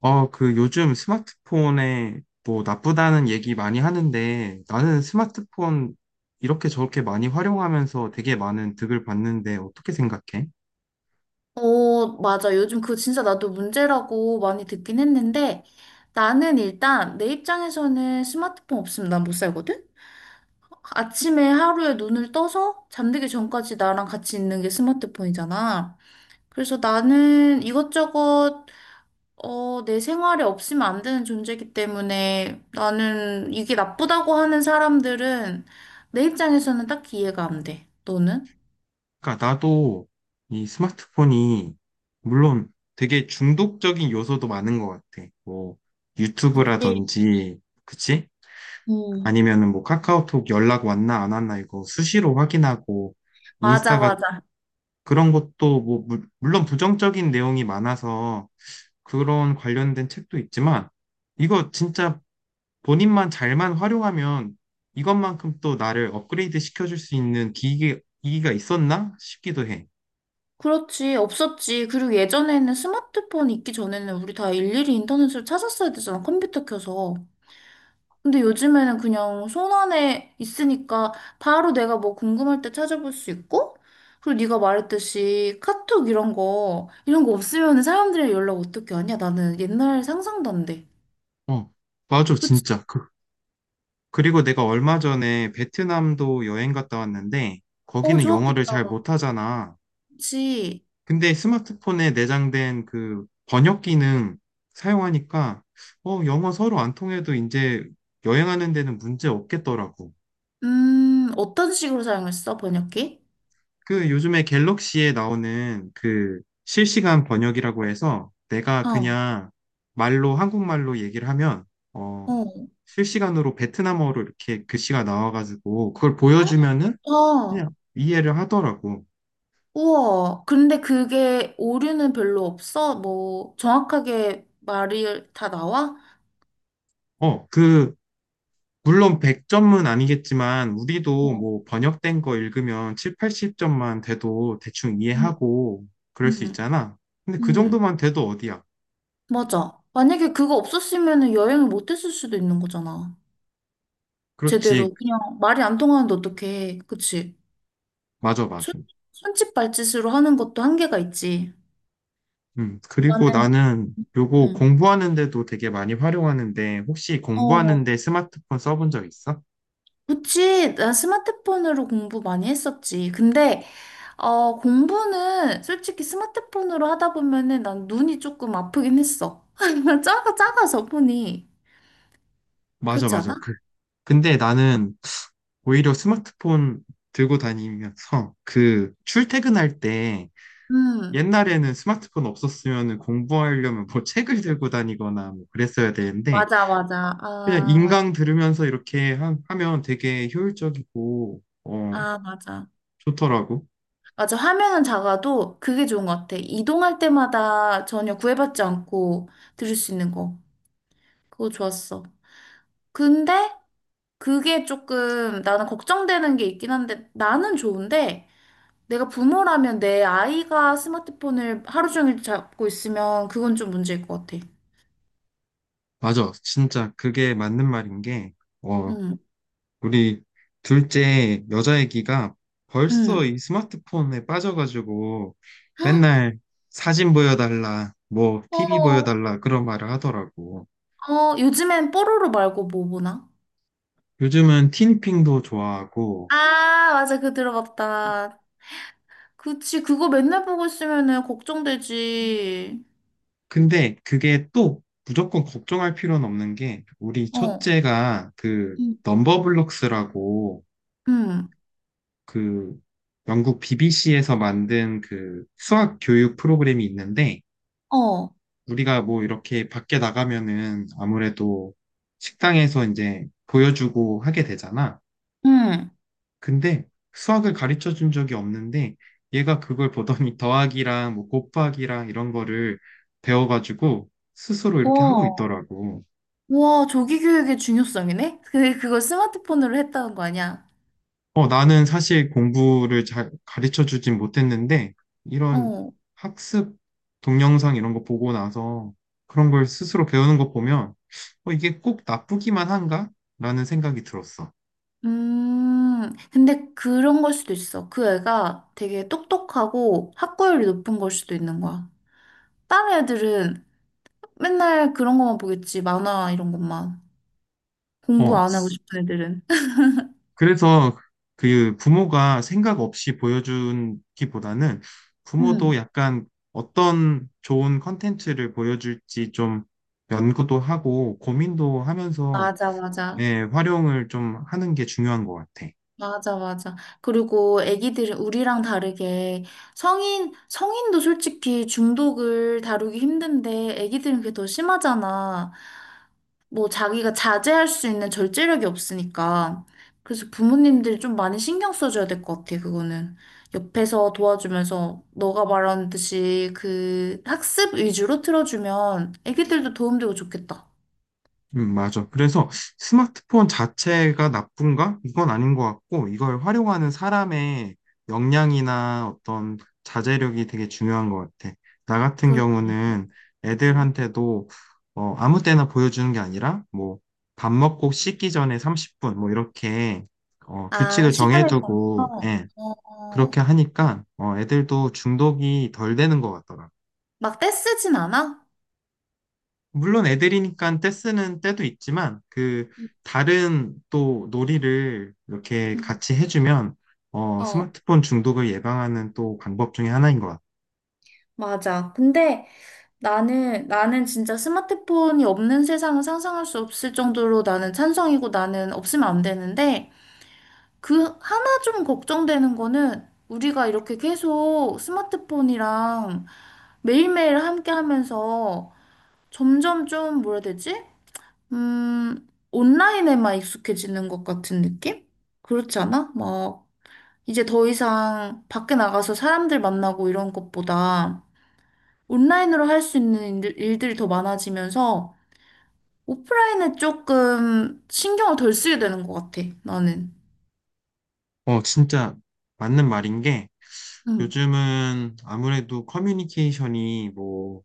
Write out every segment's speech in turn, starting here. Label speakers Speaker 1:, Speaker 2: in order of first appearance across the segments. Speaker 1: 그 요즘 스마트폰에 뭐 나쁘다는 얘기 많이 하는데 나는 스마트폰 이렇게 저렇게 많이 활용하면서 되게 많은 득을 봤는데 어떻게 생각해?
Speaker 2: 어, 맞아. 요즘 그거 진짜 나도 문제라고 많이 듣긴 했는데 나는 일단 내 입장에서는 스마트폰 없으면 난 못 살거든? 아침에 하루에 눈을 떠서 잠들기 전까지 나랑 같이 있는 게 스마트폰이잖아. 그래서 나는 이것저것 어, 내 생활에 없으면 안 되는 존재이기 때문에 나는 이게 나쁘다고 하는 사람들은 내 입장에서는 딱히 이해가 안 돼. 너는?
Speaker 1: 그러니까 나도 이 스마트폰이 물론 되게 중독적인 요소도 많은 것 같아. 뭐
Speaker 2: 그치.
Speaker 1: 유튜브라든지, 그치?
Speaker 2: 음.
Speaker 1: 아니면은 뭐 카카오톡 연락 왔나 안 왔나 이거 수시로 확인하고
Speaker 2: 맞아,
Speaker 1: 인스타
Speaker 2: 맞아.
Speaker 1: 그런 것도 뭐 물론 부정적인 내용이 많아서 그런 관련된 책도 있지만 이거 진짜 본인만 잘만 활용하면 이것만큼 또 나를 업그레이드 시켜줄 수 있는 기기가 있었나 싶기도 해.
Speaker 2: 그렇지, 없었지. 그리고 예전에는 스마트폰 있기 전에는 우리 다 일일이 인터넷으로 찾았어야 되잖아, 컴퓨터 켜서. 근데 요즘에는 그냥 손 안에 있으니까 바로 내가 뭐 궁금할 때 찾아볼 수 있고, 그리고 네가 말했듯이 카톡 이런 거, 이런 거 없으면 사람들이랑 연락 어떻게 하냐? 나는 옛날 상상도 안 돼.
Speaker 1: 어, 맞아,
Speaker 2: 그치?
Speaker 1: 진짜. 그, 그리고 내가 얼마 전에 베트남도 여행 갔다 왔는데
Speaker 2: 어,
Speaker 1: 거기는 영어를
Speaker 2: 좋았겠다.
Speaker 1: 잘 못하잖아.
Speaker 2: 그치?
Speaker 1: 근데 스마트폰에 내장된 그 번역 기능 사용하니까 영어 서로 안 통해도 이제 여행하는 데는 문제 없겠더라고.
Speaker 2: 어떤 식으로 사용했어, 번역기?
Speaker 1: 그 요즘에 갤럭시에 나오는 그 실시간 번역이라고 해서 내가
Speaker 2: 어,
Speaker 1: 그냥 말로 한국말로 얘기를 하면 어,
Speaker 2: 어,
Speaker 1: 실시간으로 베트남어로 이렇게 글씨가 나와가지고 그걸 보여주면은
Speaker 2: 어.
Speaker 1: 그냥 이해를 하더라고.
Speaker 2: 우와, 근데 그게 오류는 별로 없어? 뭐, 정확하게 말이 다 나와?
Speaker 1: 그 물론 100점은 아니겠지만 우리도
Speaker 2: 어,
Speaker 1: 뭐 번역된 거 읽으면 7, 80점만 돼도 대충
Speaker 2: 응
Speaker 1: 이해하고 그럴 수
Speaker 2: 응,
Speaker 1: 있잖아. 근데 그
Speaker 2: 응,
Speaker 1: 정도만 돼도 어디야?
Speaker 2: 맞아. 만약에 그거 없었으면 여행을 못 했을 수도 있는 거잖아.
Speaker 1: 그렇지.
Speaker 2: 제대로. 그냥 말이 안 통하는데 어떡해. 그치?
Speaker 1: 맞아,
Speaker 2: 손,
Speaker 1: 맞아.
Speaker 2: 손짓 발짓으로 하는 것도 한계가 있지.
Speaker 1: 음. 그리고
Speaker 2: 나는,
Speaker 1: 나는 요거
Speaker 2: 응.
Speaker 1: 공부하는데도 되게 많이 활용하는데 혹시
Speaker 2: 어,
Speaker 1: 공부하는데 스마트폰 써본 적 있어?
Speaker 2: 그치, 난 스마트폰으로 공부 많이 했었지. 근데 어, 공부는 솔직히 스마트폰으로 하다 보면은 난 눈이 조금 아프긴 했어. 작아, 작아서 보니.
Speaker 1: 맞아,
Speaker 2: 그렇지
Speaker 1: 맞아.
Speaker 2: 않아?
Speaker 1: 그, 근데 나는 오히려 스마트폰 들고 다니면서 그 출퇴근할 때
Speaker 2: 음,
Speaker 1: 옛날에는 스마트폰 없었으면 공부하려면 뭐 책을 들고 다니거나 뭐 그랬어야 되는데
Speaker 2: 맞아, 맞아.
Speaker 1: 그냥
Speaker 2: 아, 맞,
Speaker 1: 인강 들으면서 이렇게 하, 면 되게 효율적이고
Speaker 2: 아, 맞아.
Speaker 1: 좋더라고.
Speaker 2: 맞아. 화면은 작아도 그게 좋은 것 같아. 이동할 때마다 전혀 구애받지 않고 들을 수 있는 거. 그거 좋았어. 근데 그게 조금 나는 걱정되는 게 있긴 한데 나는 좋은데 내가 부모라면 내 아이가 스마트폰을 하루 종일 잡고 있으면 그건 좀 문제일 것 같아.
Speaker 1: 맞아. 진짜 그게 맞는 말인 게 어
Speaker 2: 응,
Speaker 1: 우리 둘째 여자 애기가
Speaker 2: 응.
Speaker 1: 벌써 이 스마트폰에 빠져가지고 맨날 사진 보여달라 뭐 TV
Speaker 2: 어,
Speaker 1: 보여달라 그런 말을 하더라고.
Speaker 2: 어, 요즘엔 뽀로로 말고 뭐 보나?
Speaker 1: 요즘은 티니핑도 좋아하고
Speaker 2: 아, 맞아. 그거 들어봤다. 그치, 그거 맨날 보고 있으면은 걱정되지.
Speaker 1: 근데 그게 또 무조건 걱정할 필요는 없는 게 우리
Speaker 2: 어,
Speaker 1: 첫째가 그
Speaker 2: 응,
Speaker 1: 넘버블록스라고
Speaker 2: 응,
Speaker 1: 그 영국 BBC에서 만든 그 수학 교육 프로그램이 있는데
Speaker 2: 어,
Speaker 1: 우리가 뭐 이렇게 밖에 나가면은 아무래도 식당에서 이제 보여주고 하게 되잖아.
Speaker 2: 응.
Speaker 1: 근데 수학을 가르쳐 준 적이 없는데 얘가 그걸 보더니 더하기랑 뭐 곱하기랑 이런 거를 배워가지고 스스로 이렇게 하고
Speaker 2: 와,
Speaker 1: 있더라고.
Speaker 2: 와, 조기 교육의 중요성이네? 그, 그걸 스마트폰으로 했다는 거 아니야?
Speaker 1: 나는 사실 공부를 잘 가르쳐 주진 못했는데, 이런
Speaker 2: 어.
Speaker 1: 학습 동영상 이런 거 보고 나서 그런 걸 스스로 배우는 거 보면, 이게 꼭 나쁘기만 한가? 라는 생각이 들었어.
Speaker 2: 근데 그런 걸 수도 있어. 그 애가 되게 똑똑하고 학구열이 높은 걸 수도 있는 거야. 다른 애들은 맨날 그런 것만 보겠지. 만화 이런 것만. 공부
Speaker 1: 어,
Speaker 2: 안 하고 싶은 애들은.
Speaker 1: 그래서 그 부모가 생각 없이 보여주기보다는
Speaker 2: 응,
Speaker 1: 부모도 약간 어떤 좋은 컨텐츠를 보여줄지 좀 연구도 하고 고민도 하면서
Speaker 2: 맞아, 맞아.
Speaker 1: 네, 활용을 좀 하는 게 중요한 것 같아.
Speaker 2: 맞아, 맞아. 그리고 애기들은 우리랑 다르게 성인, 성인도 솔직히 중독을 다루기 힘든데 애기들은 그게 더 심하잖아. 뭐 자기가 자제할 수 있는 절제력이 없으니까. 그래서 부모님들이 좀 많이 신경 써줘야 될 것 같아, 그거는. 옆에서 도와주면서 너가 말하는 듯이 그 학습 위주로 틀어주면 애기들도 도움되고 좋겠다.
Speaker 1: 맞아. 그래서 스마트폰 자체가 나쁜가? 이건 아닌 것 같고, 이걸 활용하는 사람의 역량이나 어떤 자제력이 되게 중요한 것 같아. 나 같은
Speaker 2: 그렇지.
Speaker 1: 경우는
Speaker 2: 음.
Speaker 1: 애들한테도 아무 때나 보여주는 게 아니라, 뭐, 밥 먹고 씻기 전에 30분, 뭐, 이렇게
Speaker 2: 아,
Speaker 1: 규칙을
Speaker 2: 시간을
Speaker 1: 정해두고,
Speaker 2: 정해서,
Speaker 1: 예,
Speaker 2: 어,
Speaker 1: 그렇게 하니까 애들도 중독이 덜 되는 것 같더라 고
Speaker 2: 막 떼쓰진 않아?
Speaker 1: 물론 애들이니까 떼쓰는 때도 있지만 그
Speaker 2: 음,
Speaker 1: 다른 또 놀이를 이렇게
Speaker 2: 음.
Speaker 1: 같이 해주면
Speaker 2: 어,
Speaker 1: 스마트폰 중독을 예방하는 또 방법 중에 하나인 것 같아.
Speaker 2: 맞아. 근데 나는 진짜 스마트폰이 없는 세상은 상상할 수 없을 정도로 나는 찬성이고 나는 없으면 안 되는데, 그 하나 좀 걱정되는 거는 우리가 이렇게 계속 스마트폰이랑 매일매일 함께 하면서 점점 좀 뭐라 해야 되지? 온라인에만 익숙해지는 것 같은 느낌? 그렇지 않아? 막 이제 더 이상 밖에 나가서 사람들 만나고 이런 것보다 온라인으로 할 수 있는 일들이 더 많아지면서 오프라인에 조금 신경을 덜 쓰게 되는 것 같아, 나는.
Speaker 1: 진짜 맞는 말인 게
Speaker 2: 응,
Speaker 1: 요즘은 아무래도 커뮤니케이션이 뭐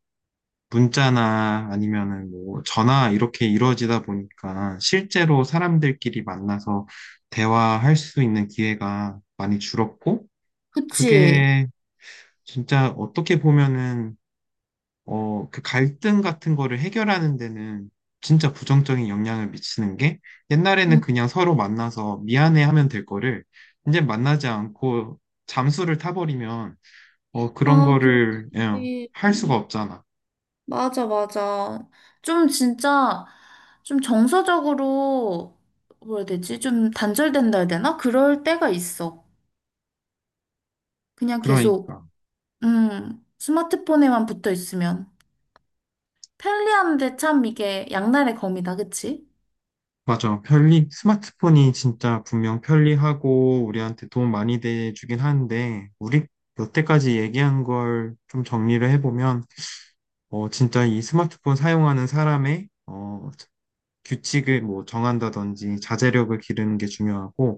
Speaker 1: 문자나 아니면은 뭐 전화 이렇게 이루어지다 보니까 실제로 사람들끼리 만나서 대화할 수 있는 기회가 많이 줄었고
Speaker 2: 그치?
Speaker 1: 그게 진짜 어떻게 보면은 그 갈등 같은 거를 해결하는 데는 진짜 부정적인 영향을 미치는 게 옛날에는
Speaker 2: 응.
Speaker 1: 그냥 서로 만나서 미안해 하면 될 거를 이제 만나지 않고 잠수를 타버리면 그런
Speaker 2: 아,
Speaker 1: 거를 예, 할 수가
Speaker 2: 음,
Speaker 1: 없잖아.
Speaker 2: 맞아, 맞아. 좀 진짜, 좀 정서적으로, 뭐라 해야 되지? 좀 단절된다 해야 되나? 그럴 때가 있어. 그냥 계속,
Speaker 1: 그러니까.
Speaker 2: 스마트폰에만 붙어 있으면. 편리한데 참 이게 양날의 검이다, 그치?
Speaker 1: 맞아. 편리, 스마트폰이 진짜 분명 편리하고 우리한테 도움 많이 돼주긴 하는데 우리 여태까지 얘기한 걸 좀 정리를 해보면 진짜 이 스마트폰 사용하는 사람의 어, 규칙을 뭐 정한다든지 자제력을 기르는 게 중요하고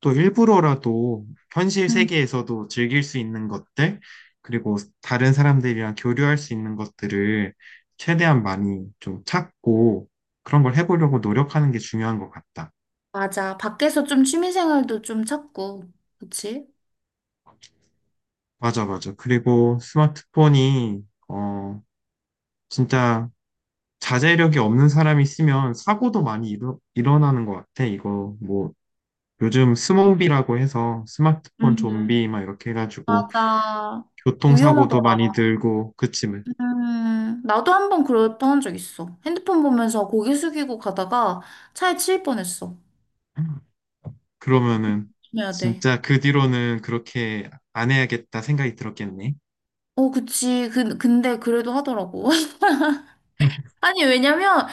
Speaker 1: 또 일부러라도 현실
Speaker 2: 응
Speaker 1: 세계에서도 즐길 수 있는 것들 그리고 다른 사람들이랑 교류할 수 있는 것들을 최대한 많이 좀 찾고 그런 걸 해보려고 노력하는 게 중요한 것 같다.
Speaker 2: 맞아. 밖에서 좀 취미생활도 좀 찾고, 그치?
Speaker 1: 맞아, 맞아. 그리고 스마트폰이 어 진짜 자제력이 없는 사람이 쓰면 사고도 많이 일어나는 것 같아. 이거 뭐 요즘 스몬비라고 해서 스마트폰
Speaker 2: 음,
Speaker 1: 좀비 막 이렇게 해가지고
Speaker 2: 맞아.
Speaker 1: 교통사고도
Speaker 2: 위험하더라.
Speaker 1: 많이 늘고 그치만
Speaker 2: 나도 한 번 그랬던 적 있어. 핸드폰 보면서 고개 숙이고 가다가 차에 치일 뻔했어.
Speaker 1: 그러면은
Speaker 2: 조심해야 돼.
Speaker 1: 진짜 그 뒤로는 그렇게 안 해야겠다 생각이 들었겠네.
Speaker 2: 어, 그치. 근데 그래도 하더라고. 아니, 왜냐면,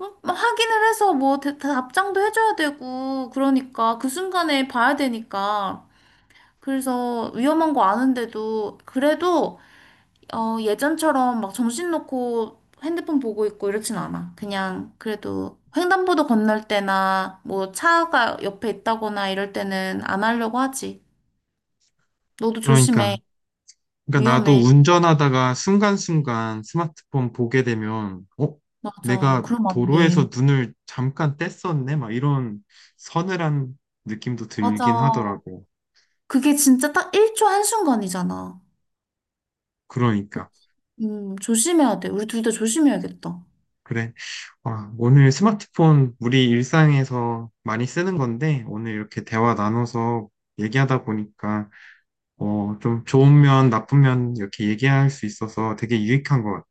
Speaker 2: 확인을 해서 뭐, 다 답장도 해줘야 되고, 그러니까, 그 순간에 봐야 되니까. 그래서 위험한 거 아는데도, 그래도 어, 예전처럼 막 정신 놓고 핸드폰 보고 있고 이렇진 않아. 그냥 그래도 횡단보도 건널 때나 뭐 차가 옆에 있다거나 이럴 때는 안 하려고 하지. 너도
Speaker 1: 그러니까
Speaker 2: 조심해.
Speaker 1: 그러니까 나도
Speaker 2: 위험해.
Speaker 1: 운전하다가 순간순간 스마트폰 보게 되면 어?
Speaker 2: 맞아.
Speaker 1: 내가
Speaker 2: 그럼 안 돼.
Speaker 1: 도로에서 눈을 잠깐 뗐었네? 막 이런 서늘한 느낌도 들긴
Speaker 2: 맞아.
Speaker 1: 하더라고.
Speaker 2: 그게 진짜 딱 1초 한순간이잖아.
Speaker 1: 그러니까.
Speaker 2: 조심해야 돼. 우리 둘 다 조심해야겠다.
Speaker 1: 그래. 와, 오늘 스마트폰 우리 일상에서 많이 쓰는 건데, 오늘 이렇게 대화 나눠서 얘기하다 보니까, 좀 좋은 면, 나쁜 면 이렇게 얘기할 수 있어서 되게 유익한 것 같아.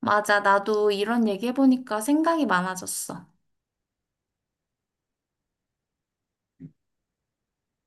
Speaker 2: 맞아. 나도 이런 얘기 해보니까 생각이 많아졌어.